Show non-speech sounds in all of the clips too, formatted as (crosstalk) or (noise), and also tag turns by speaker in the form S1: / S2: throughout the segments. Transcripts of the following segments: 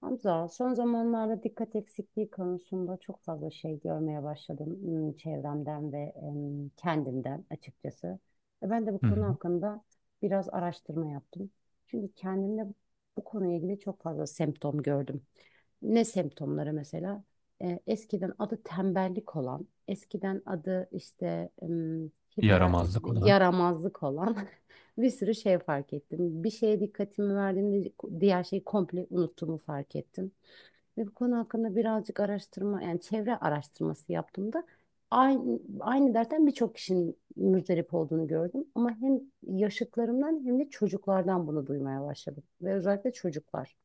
S1: Hamza, son zamanlarda dikkat eksikliği konusunda çok fazla şey görmeye başladım, çevremden ve kendimden açıkçası. Ve ben de bu
S2: Hı
S1: konu
S2: hı.
S1: hakkında biraz araştırma yaptım. Çünkü kendimde bu konuyla ilgili çok fazla semptom gördüm. Ne semptomları mesela? Eskiden adı tembellik olan, eskiden adı işte hiper, işte
S2: Yaramazlık olan.
S1: yaramazlık olan (laughs) bir sürü şey fark ettim. Bir şeye dikkatimi verdiğimde diğer şeyi komple unuttuğumu fark ettim. Ve bu konu hakkında birazcık araştırma, yani çevre araştırması yaptığımda aynı dertten birçok kişinin muzdarip olduğunu gördüm. Ama hem yaşıtlarımdan hem de çocuklardan bunu duymaya başladım. Ve özellikle çocuklar.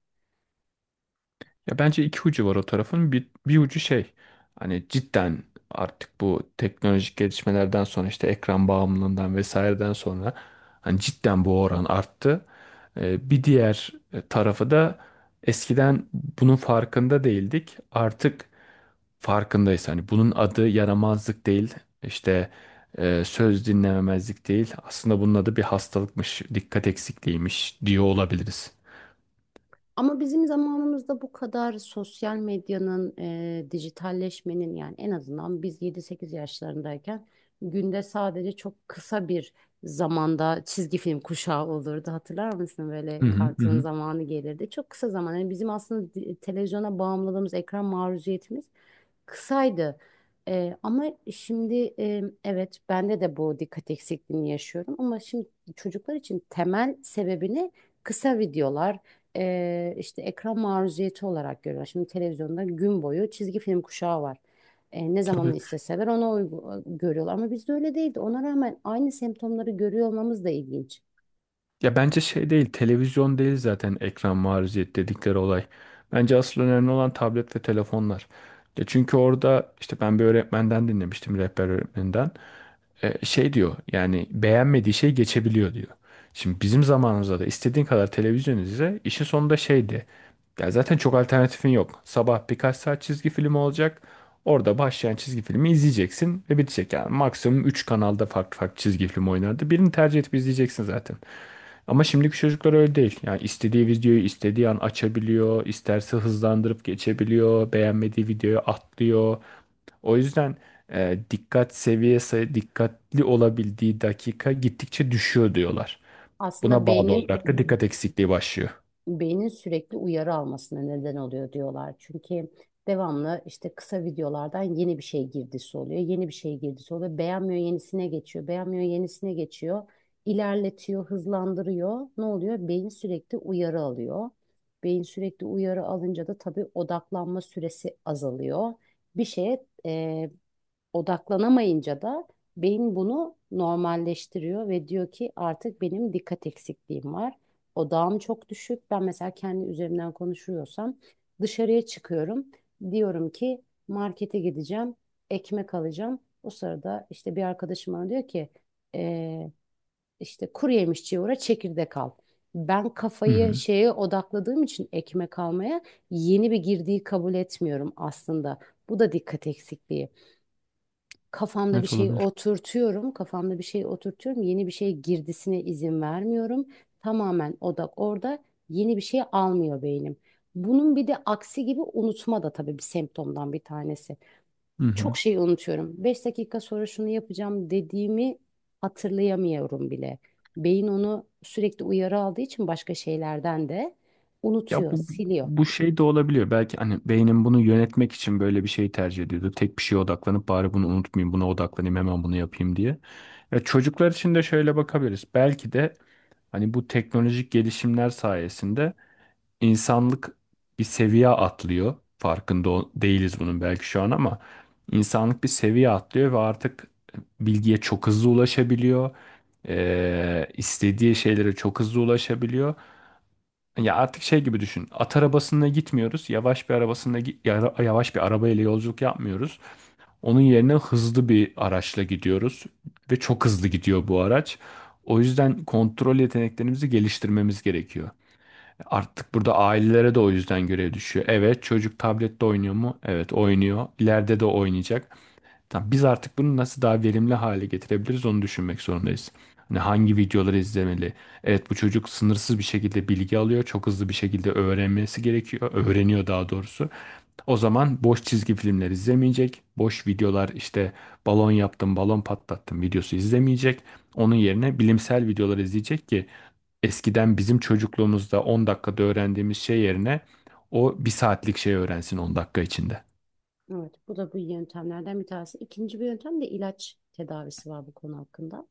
S2: Ya bence iki ucu var o tarafın. Bir ucu şey, hani cidden artık bu teknolojik gelişmelerden sonra işte ekran bağımlılığından vesaireden sonra hani cidden bu oran arttı. Bir diğer tarafı da eskiden bunun farkında değildik. Artık farkındayız. Hani bunun adı yaramazlık değil. İşte söz dinlememezlik değil. Aslında bunun adı bir hastalıkmış, dikkat eksikliğiymiş diyor olabiliriz.
S1: Ama bizim zamanımızda bu kadar sosyal medyanın, dijitalleşmenin, yani en azından biz 7-8 yaşlarındayken günde sadece çok kısa bir zamanda çizgi film kuşağı olurdu. Hatırlar mısın? Böyle
S2: Hı hı hı.
S1: kartın
S2: hı.
S1: zamanı gelirdi. Çok kısa zaman. Yani bizim aslında televizyona bağımlılığımız, ekran maruziyetimiz kısaydı. Ama şimdi evet, bende de bu dikkat eksikliğini yaşıyorum, ama şimdi çocuklar için temel sebebini kısa videolar, işte ekran maruziyeti olarak görüyorlar. Şimdi televizyonda gün boyu çizgi film kuşağı var. Ne zaman
S2: Tabii.
S1: isteseler ona görüyorlar, ama bizde öyle değildi. Ona rağmen aynı semptomları görüyor olmamız da ilginç.
S2: Ya bence şey değil, televizyon değil zaten ekran maruziyet dedikleri olay. Bence asıl önemli olan tablet ve telefonlar. Ya çünkü orada işte ben bir öğretmenden dinlemiştim, rehber öğretmeninden. Şey diyor, yani beğenmediği şey geçebiliyor diyor. Şimdi bizim zamanımızda da istediğin kadar televizyon izle, işin sonunda şeydi. Ya zaten çok alternatifin yok. Sabah birkaç saat çizgi film olacak. Orada başlayan çizgi filmi izleyeceksin ve bitecek. Yani maksimum 3 kanalda farklı farklı çizgi film oynardı. Birini tercih edip izleyeceksin zaten. Ama şimdiki çocuklar öyle değil. Yani istediği videoyu istediği an açabiliyor, isterse hızlandırıp geçebiliyor, beğenmediği videoyu atlıyor. O yüzden dikkat seviyesi, dikkatli olabildiği dakika gittikçe düşüyor diyorlar.
S1: Aslında
S2: Buna bağlı
S1: beynin
S2: olarak da dikkat eksikliği başlıyor.
S1: beynin sürekli uyarı almasına neden oluyor diyorlar. Çünkü devamlı işte kısa videolardan yeni bir şey girdisi oluyor. Yeni bir şey girdisi oluyor. Beğenmiyor, yenisine geçiyor. Beğenmiyor, yenisine geçiyor. İlerletiyor, hızlandırıyor. Ne oluyor? Beyin sürekli uyarı alıyor. Beyin sürekli uyarı alınca da tabii odaklanma süresi azalıyor. Bir şeye odaklanamayınca da beyin bunu normalleştiriyor ve diyor ki artık benim dikkat eksikliğim var. Odağım çok düşük. Ben mesela kendi üzerimden konuşuyorsam dışarıya çıkıyorum. Diyorum ki markete gideceğim, ekmek alacağım. O sırada işte bir arkadaşım bana diyor ki "Ee, işte kuru yemişçiye uğra çekirdek al." Ben
S2: Hı
S1: kafayı
S2: hı.
S1: şeye odakladığım için ekmek almaya yeni bir girdiği kabul etmiyorum aslında. Bu da dikkat eksikliği, kafamda bir
S2: Evet,
S1: şey
S2: olabilir.
S1: oturtuyorum, kafamda bir şey oturtuyorum, yeni bir şeye girdisine izin vermiyorum. Tamamen odak orada, yeni bir şey almıyor beynim. Bunun bir de aksi gibi, unutma da tabii bir semptomdan bir tanesi.
S2: Hı hı.
S1: Çok şey unutuyorum. 5 dakika sonra şunu yapacağım dediğimi hatırlayamıyorum bile. Beyin onu sürekli uyarı aldığı için başka şeylerden de
S2: Ya
S1: unutuyor,
S2: bu
S1: siliyor.
S2: bu şey de olabiliyor. Belki hani beynim bunu yönetmek için böyle bir şey tercih ediyordu. Tek bir şeye odaklanıp bari bunu unutmayayım, buna odaklanayım, hemen bunu yapayım diye. Ya çocuklar için de şöyle bakabiliriz. Belki de hani bu teknolojik gelişimler sayesinde insanlık bir seviye atlıyor. Değiliz bunun belki şu an, ama insanlık bir seviye atlıyor ve artık bilgiye çok hızlı ulaşabiliyor. İstediği şeylere çok hızlı ulaşabiliyor. Ya artık şey gibi düşün. At arabasında gitmiyoruz. Yavaş bir arabasında gi- yara- Yavaş bir arabayla yolculuk yapmıyoruz. Onun yerine hızlı bir araçla gidiyoruz ve çok hızlı gidiyor bu araç. O yüzden kontrol yeteneklerimizi geliştirmemiz gerekiyor. Artık burada ailelere de o yüzden görev düşüyor. Evet, çocuk tablette oynuyor mu? Evet, oynuyor. İleride de oynayacak. Tamam, biz artık bunu nasıl daha verimli hale getirebiliriz onu düşünmek zorundayız. Hani hangi videoları izlemeli? Evet, bu çocuk sınırsız bir şekilde bilgi alıyor. Çok hızlı bir şekilde öğrenmesi gerekiyor. Öğreniyor daha doğrusu. O zaman boş çizgi filmler izlemeyecek. Boş videolar, işte balon yaptım, balon patlattım videosu izlemeyecek. Onun yerine bilimsel videolar izleyecek ki eskiden bizim çocukluğumuzda 10 dakikada öğrendiğimiz şey yerine o bir saatlik şey öğrensin 10 dakika içinde.
S1: Evet, bu da bu yöntemlerden bir tanesi. İkinci bir yöntem de ilaç tedavisi var bu konu hakkında.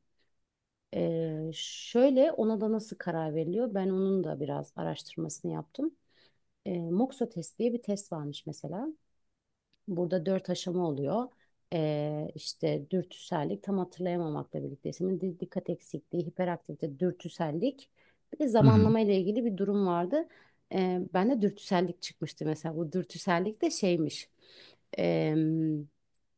S1: Şöyle, ona da nasıl karar veriliyor? Ben onun da biraz araştırmasını yaptım. Moxa test diye bir test varmış mesela. Burada dört aşama oluyor. İşte dürtüsellik, tam hatırlayamamakla birlikte ismin dikkat eksikliği, hiperaktivite, dürtüsellik. Bir de
S2: Hı hı.
S1: zamanlama ile ilgili bir durum vardı. Ben de dürtüsellik çıkmıştı mesela. Bu dürtüsellik de şeymiş. Ee,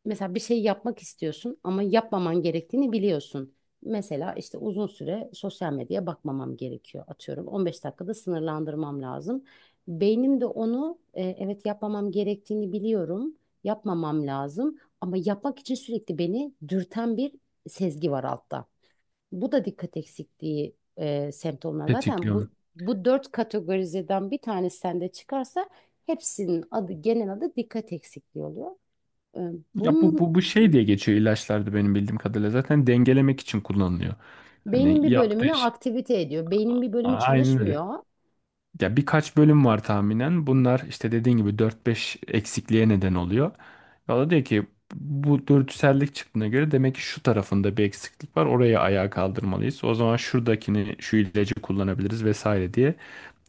S1: Mesela bir şey yapmak istiyorsun ama yapmaman gerektiğini biliyorsun. Mesela işte uzun süre sosyal medyaya bakmamam gerekiyor. Atıyorum, 15 dakikada sınırlandırmam lazım. Beynim de onu, evet, yapmamam gerektiğini biliyorum, yapmamam lazım, ama yapmak için sürekli beni dürten bir sezgi var altta. Bu da dikkat eksikliği semptomları. Zaten bu
S2: Tetikliyor.
S1: bu dört kategorizeden bir tanesi sende çıkarsa hepsinin adı, genel adı dikkat eksikliği oluyor. E,
S2: Ya bu,
S1: Bunun
S2: bu, bu şey diye geçiyor ilaçlarda benim bildiğim kadarıyla. Zaten dengelemek için kullanılıyor.
S1: beynin
S2: Hani
S1: bir
S2: yaptığı
S1: bölümünü
S2: şey.
S1: aktivite ediyor. Beynin bir bölümü
S2: Aynen öyle.
S1: çalışmıyor.
S2: Ya birkaç bölüm var tahminen. Bunlar işte dediğin gibi dört beş eksikliğe neden oluyor. Ya da diyor ki bu dürtüsellik çıktığına göre demek ki şu tarafında bir eksiklik var. Oraya ayağa kaldırmalıyız. O zaman şuradakini şu ilacı kullanabiliriz vesaire diye,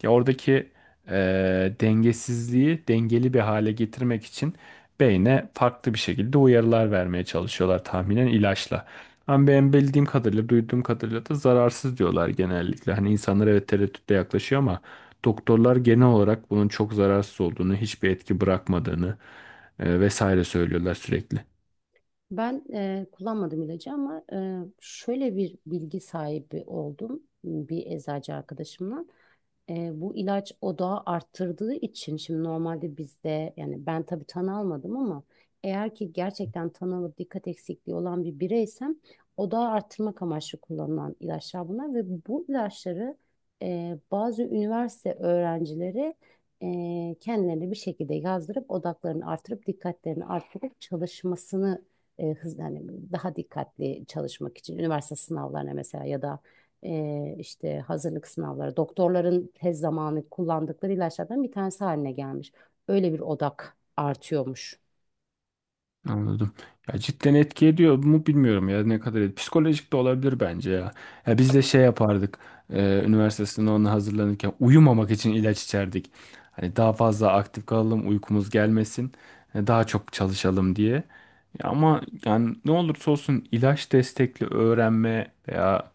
S2: ya oradaki dengesizliği dengeli bir hale getirmek için beyne farklı bir şekilde uyarılar vermeye çalışıyorlar tahminen ilaçla. Ama ben bildiğim kadarıyla, duyduğum kadarıyla da zararsız diyorlar genellikle. Hani insanlar evet tereddütle yaklaşıyor ama doktorlar genel olarak bunun çok zararsız olduğunu, hiçbir etki bırakmadığını vesaire söylüyorlar sürekli.
S1: Ben kullanmadım ilacı, ama şöyle bir bilgi sahibi oldum bir eczacı arkadaşımla. Bu ilaç odağı arttırdığı için, şimdi normalde bizde, yani ben tabii tanı almadım, ama eğer ki gerçekten tanı alıp dikkat eksikliği olan bir bireysem, odağı arttırmak amaçlı kullanılan ilaçlar bunlar, ve bu ilaçları bazı üniversite öğrencileri kendilerine bir şekilde yazdırıp odaklarını artırıp dikkatlerini artırıp çalışmasını, hızlı, hani daha dikkatli çalışmak için üniversite sınavlarına mesela, ya da işte hazırlık sınavları doktorların tez zamanı kullandıkları ilaçlardan bir tanesi haline gelmiş. Öyle bir odak artıyormuş.
S2: Anladım. Ya cidden etki ediyor mu bilmiyorum ya ne kadar et- Psikolojik de olabilir bence ya. Ya biz de şey yapardık. Üniversite sınavına hazırlanırken uyumamak için ilaç içerdik. Hani daha fazla aktif kalalım, uykumuz gelmesin, daha çok çalışalım diye. Ya ama yani ne olursa olsun ilaç destekli öğrenme veya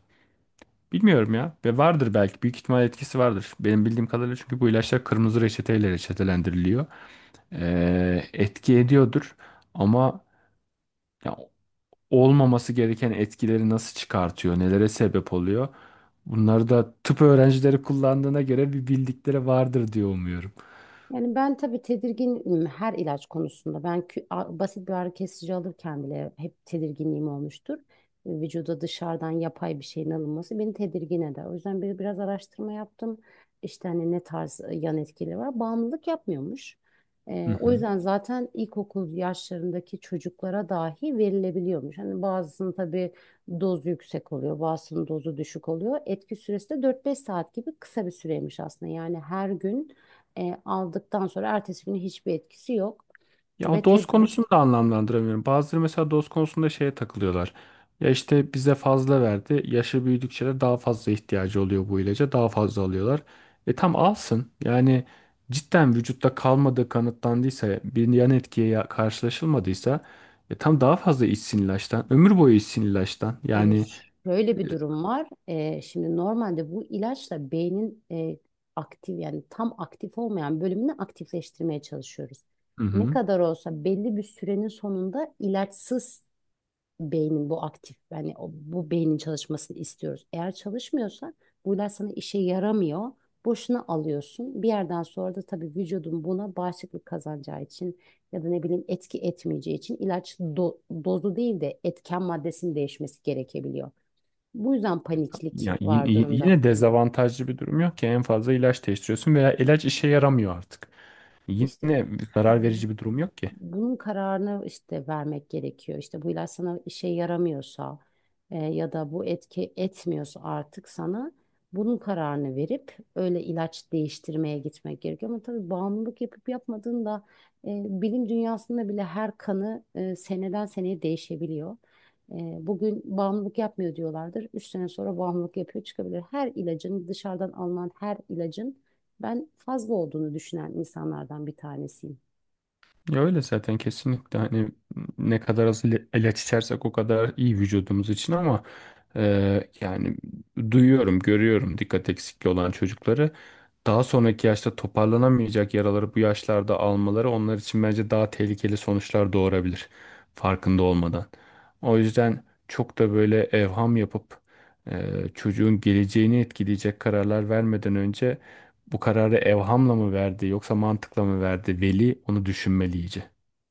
S2: bilmiyorum ya. Ve vardır belki, büyük ihtimal etkisi vardır. Benim bildiğim kadarıyla çünkü bu ilaçlar kırmızı reçeteyle reçetelendiriliyor. Etki ediyordur ama ya olmaması gereken etkileri nasıl çıkartıyor, nelere sebep oluyor. Bunları da tıp öğrencileri kullandığına göre bir bildikleri vardır diye umuyorum.
S1: Yani ben tabii tedirginim her ilaç konusunda. Ben basit bir ağrı kesici alırken bile hep tedirginliğim olmuştur. Vücuda dışarıdan yapay bir şeyin alınması beni tedirgin eder. O yüzden biraz araştırma yaptım. İşte hani ne tarz yan etkileri var. Bağımlılık yapmıyormuş.
S2: Hı
S1: O
S2: hı.
S1: yüzden zaten ilkokul yaşlarındaki çocuklara dahi verilebiliyormuş. Hani bazısının tabii dozu yüksek oluyor, bazısının dozu düşük oluyor. Etki süresi de 4-5 saat gibi kısa bir süreymiş aslında. Yani her gün aldıktan sonra ertesi günü hiçbir etkisi yok.
S2: Ya o
S1: Ve
S2: doz
S1: te,
S2: konusunu da anlamlandıramıyorum. Bazıları mesela doz konusunda şeye takılıyorlar. Ya işte bize fazla verdi. Yaşı büyüdükçe de daha fazla ihtiyacı oluyor bu ilaca. Daha fazla alıyorlar. E tam alsın. Yani cidden vücutta kalmadığı kanıtlandıysa, bir yan etkiye karşılaşılmadıysa e tam daha fazla içsin ilaçtan. Ömür boyu içsin ilaçtan.
S1: e,
S2: Yani
S1: Şöyle bir durum var. Şimdi normalde bu ilaçla beynin, aktif yani tam aktif olmayan bölümünü aktifleştirmeye çalışıyoruz.
S2: Hı
S1: Ne
S2: hı.
S1: kadar olsa belli bir sürenin sonunda ilaçsız beynin bu aktif, yani bu beynin çalışmasını istiyoruz. Eğer çalışmıyorsa bu ilaç sana işe yaramıyor. Boşuna alıyorsun. Bir yerden sonra da tabii vücudun buna bağışıklık kazanacağı için, ya da ne bileyim etki etmeyeceği için ilaç dozu değil de etken maddesinin değişmesi gerekebiliyor. Bu yüzden paniklik
S2: Ya y-
S1: var
S2: y-
S1: durumda.
S2: yine dezavantajlı bir durum yok ki, en fazla ilaç değiştiriyorsun veya ilaç işe yaramıyor artık.
S1: İşte
S2: Yine zarar verici bir durum yok ki.
S1: bunun kararını işte vermek gerekiyor. İşte bu ilaç sana işe yaramıyorsa, ya da bu etki etmiyorsa artık sana, bunun kararını verip öyle ilaç değiştirmeye gitmek gerekiyor. Ama tabii bağımlılık yapıp yapmadığında bilim dünyasında bile her kanı seneden seneye değişebiliyor. E, Bugün bağımlılık yapmıyor diyorlardır. 3 sene sonra bağımlılık yapıyor çıkabilir. Her ilacın, dışarıdan alınan her ilacın ben fazla olduğunu düşünen insanlardan bir tanesiyim.
S2: Ya öyle zaten kesinlikle, hani ne kadar az ilaç içersek o kadar iyi vücudumuz için, ama e, yani duyuyorum, görüyorum dikkat eksikliği olan çocukları, daha sonraki yaşta toparlanamayacak yaraları bu yaşlarda almaları onlar için bence daha tehlikeli sonuçlar doğurabilir farkında olmadan. O yüzden çok da böyle evham yapıp e, çocuğun geleceğini etkileyecek kararlar vermeden önce bu kararı evhamla mı verdi yoksa mantıkla mı verdi? Veli onu düşünmeli iyice.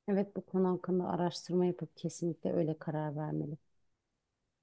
S1: Evet, bu konu hakkında araştırma yapıp kesinlikle öyle karar vermeli.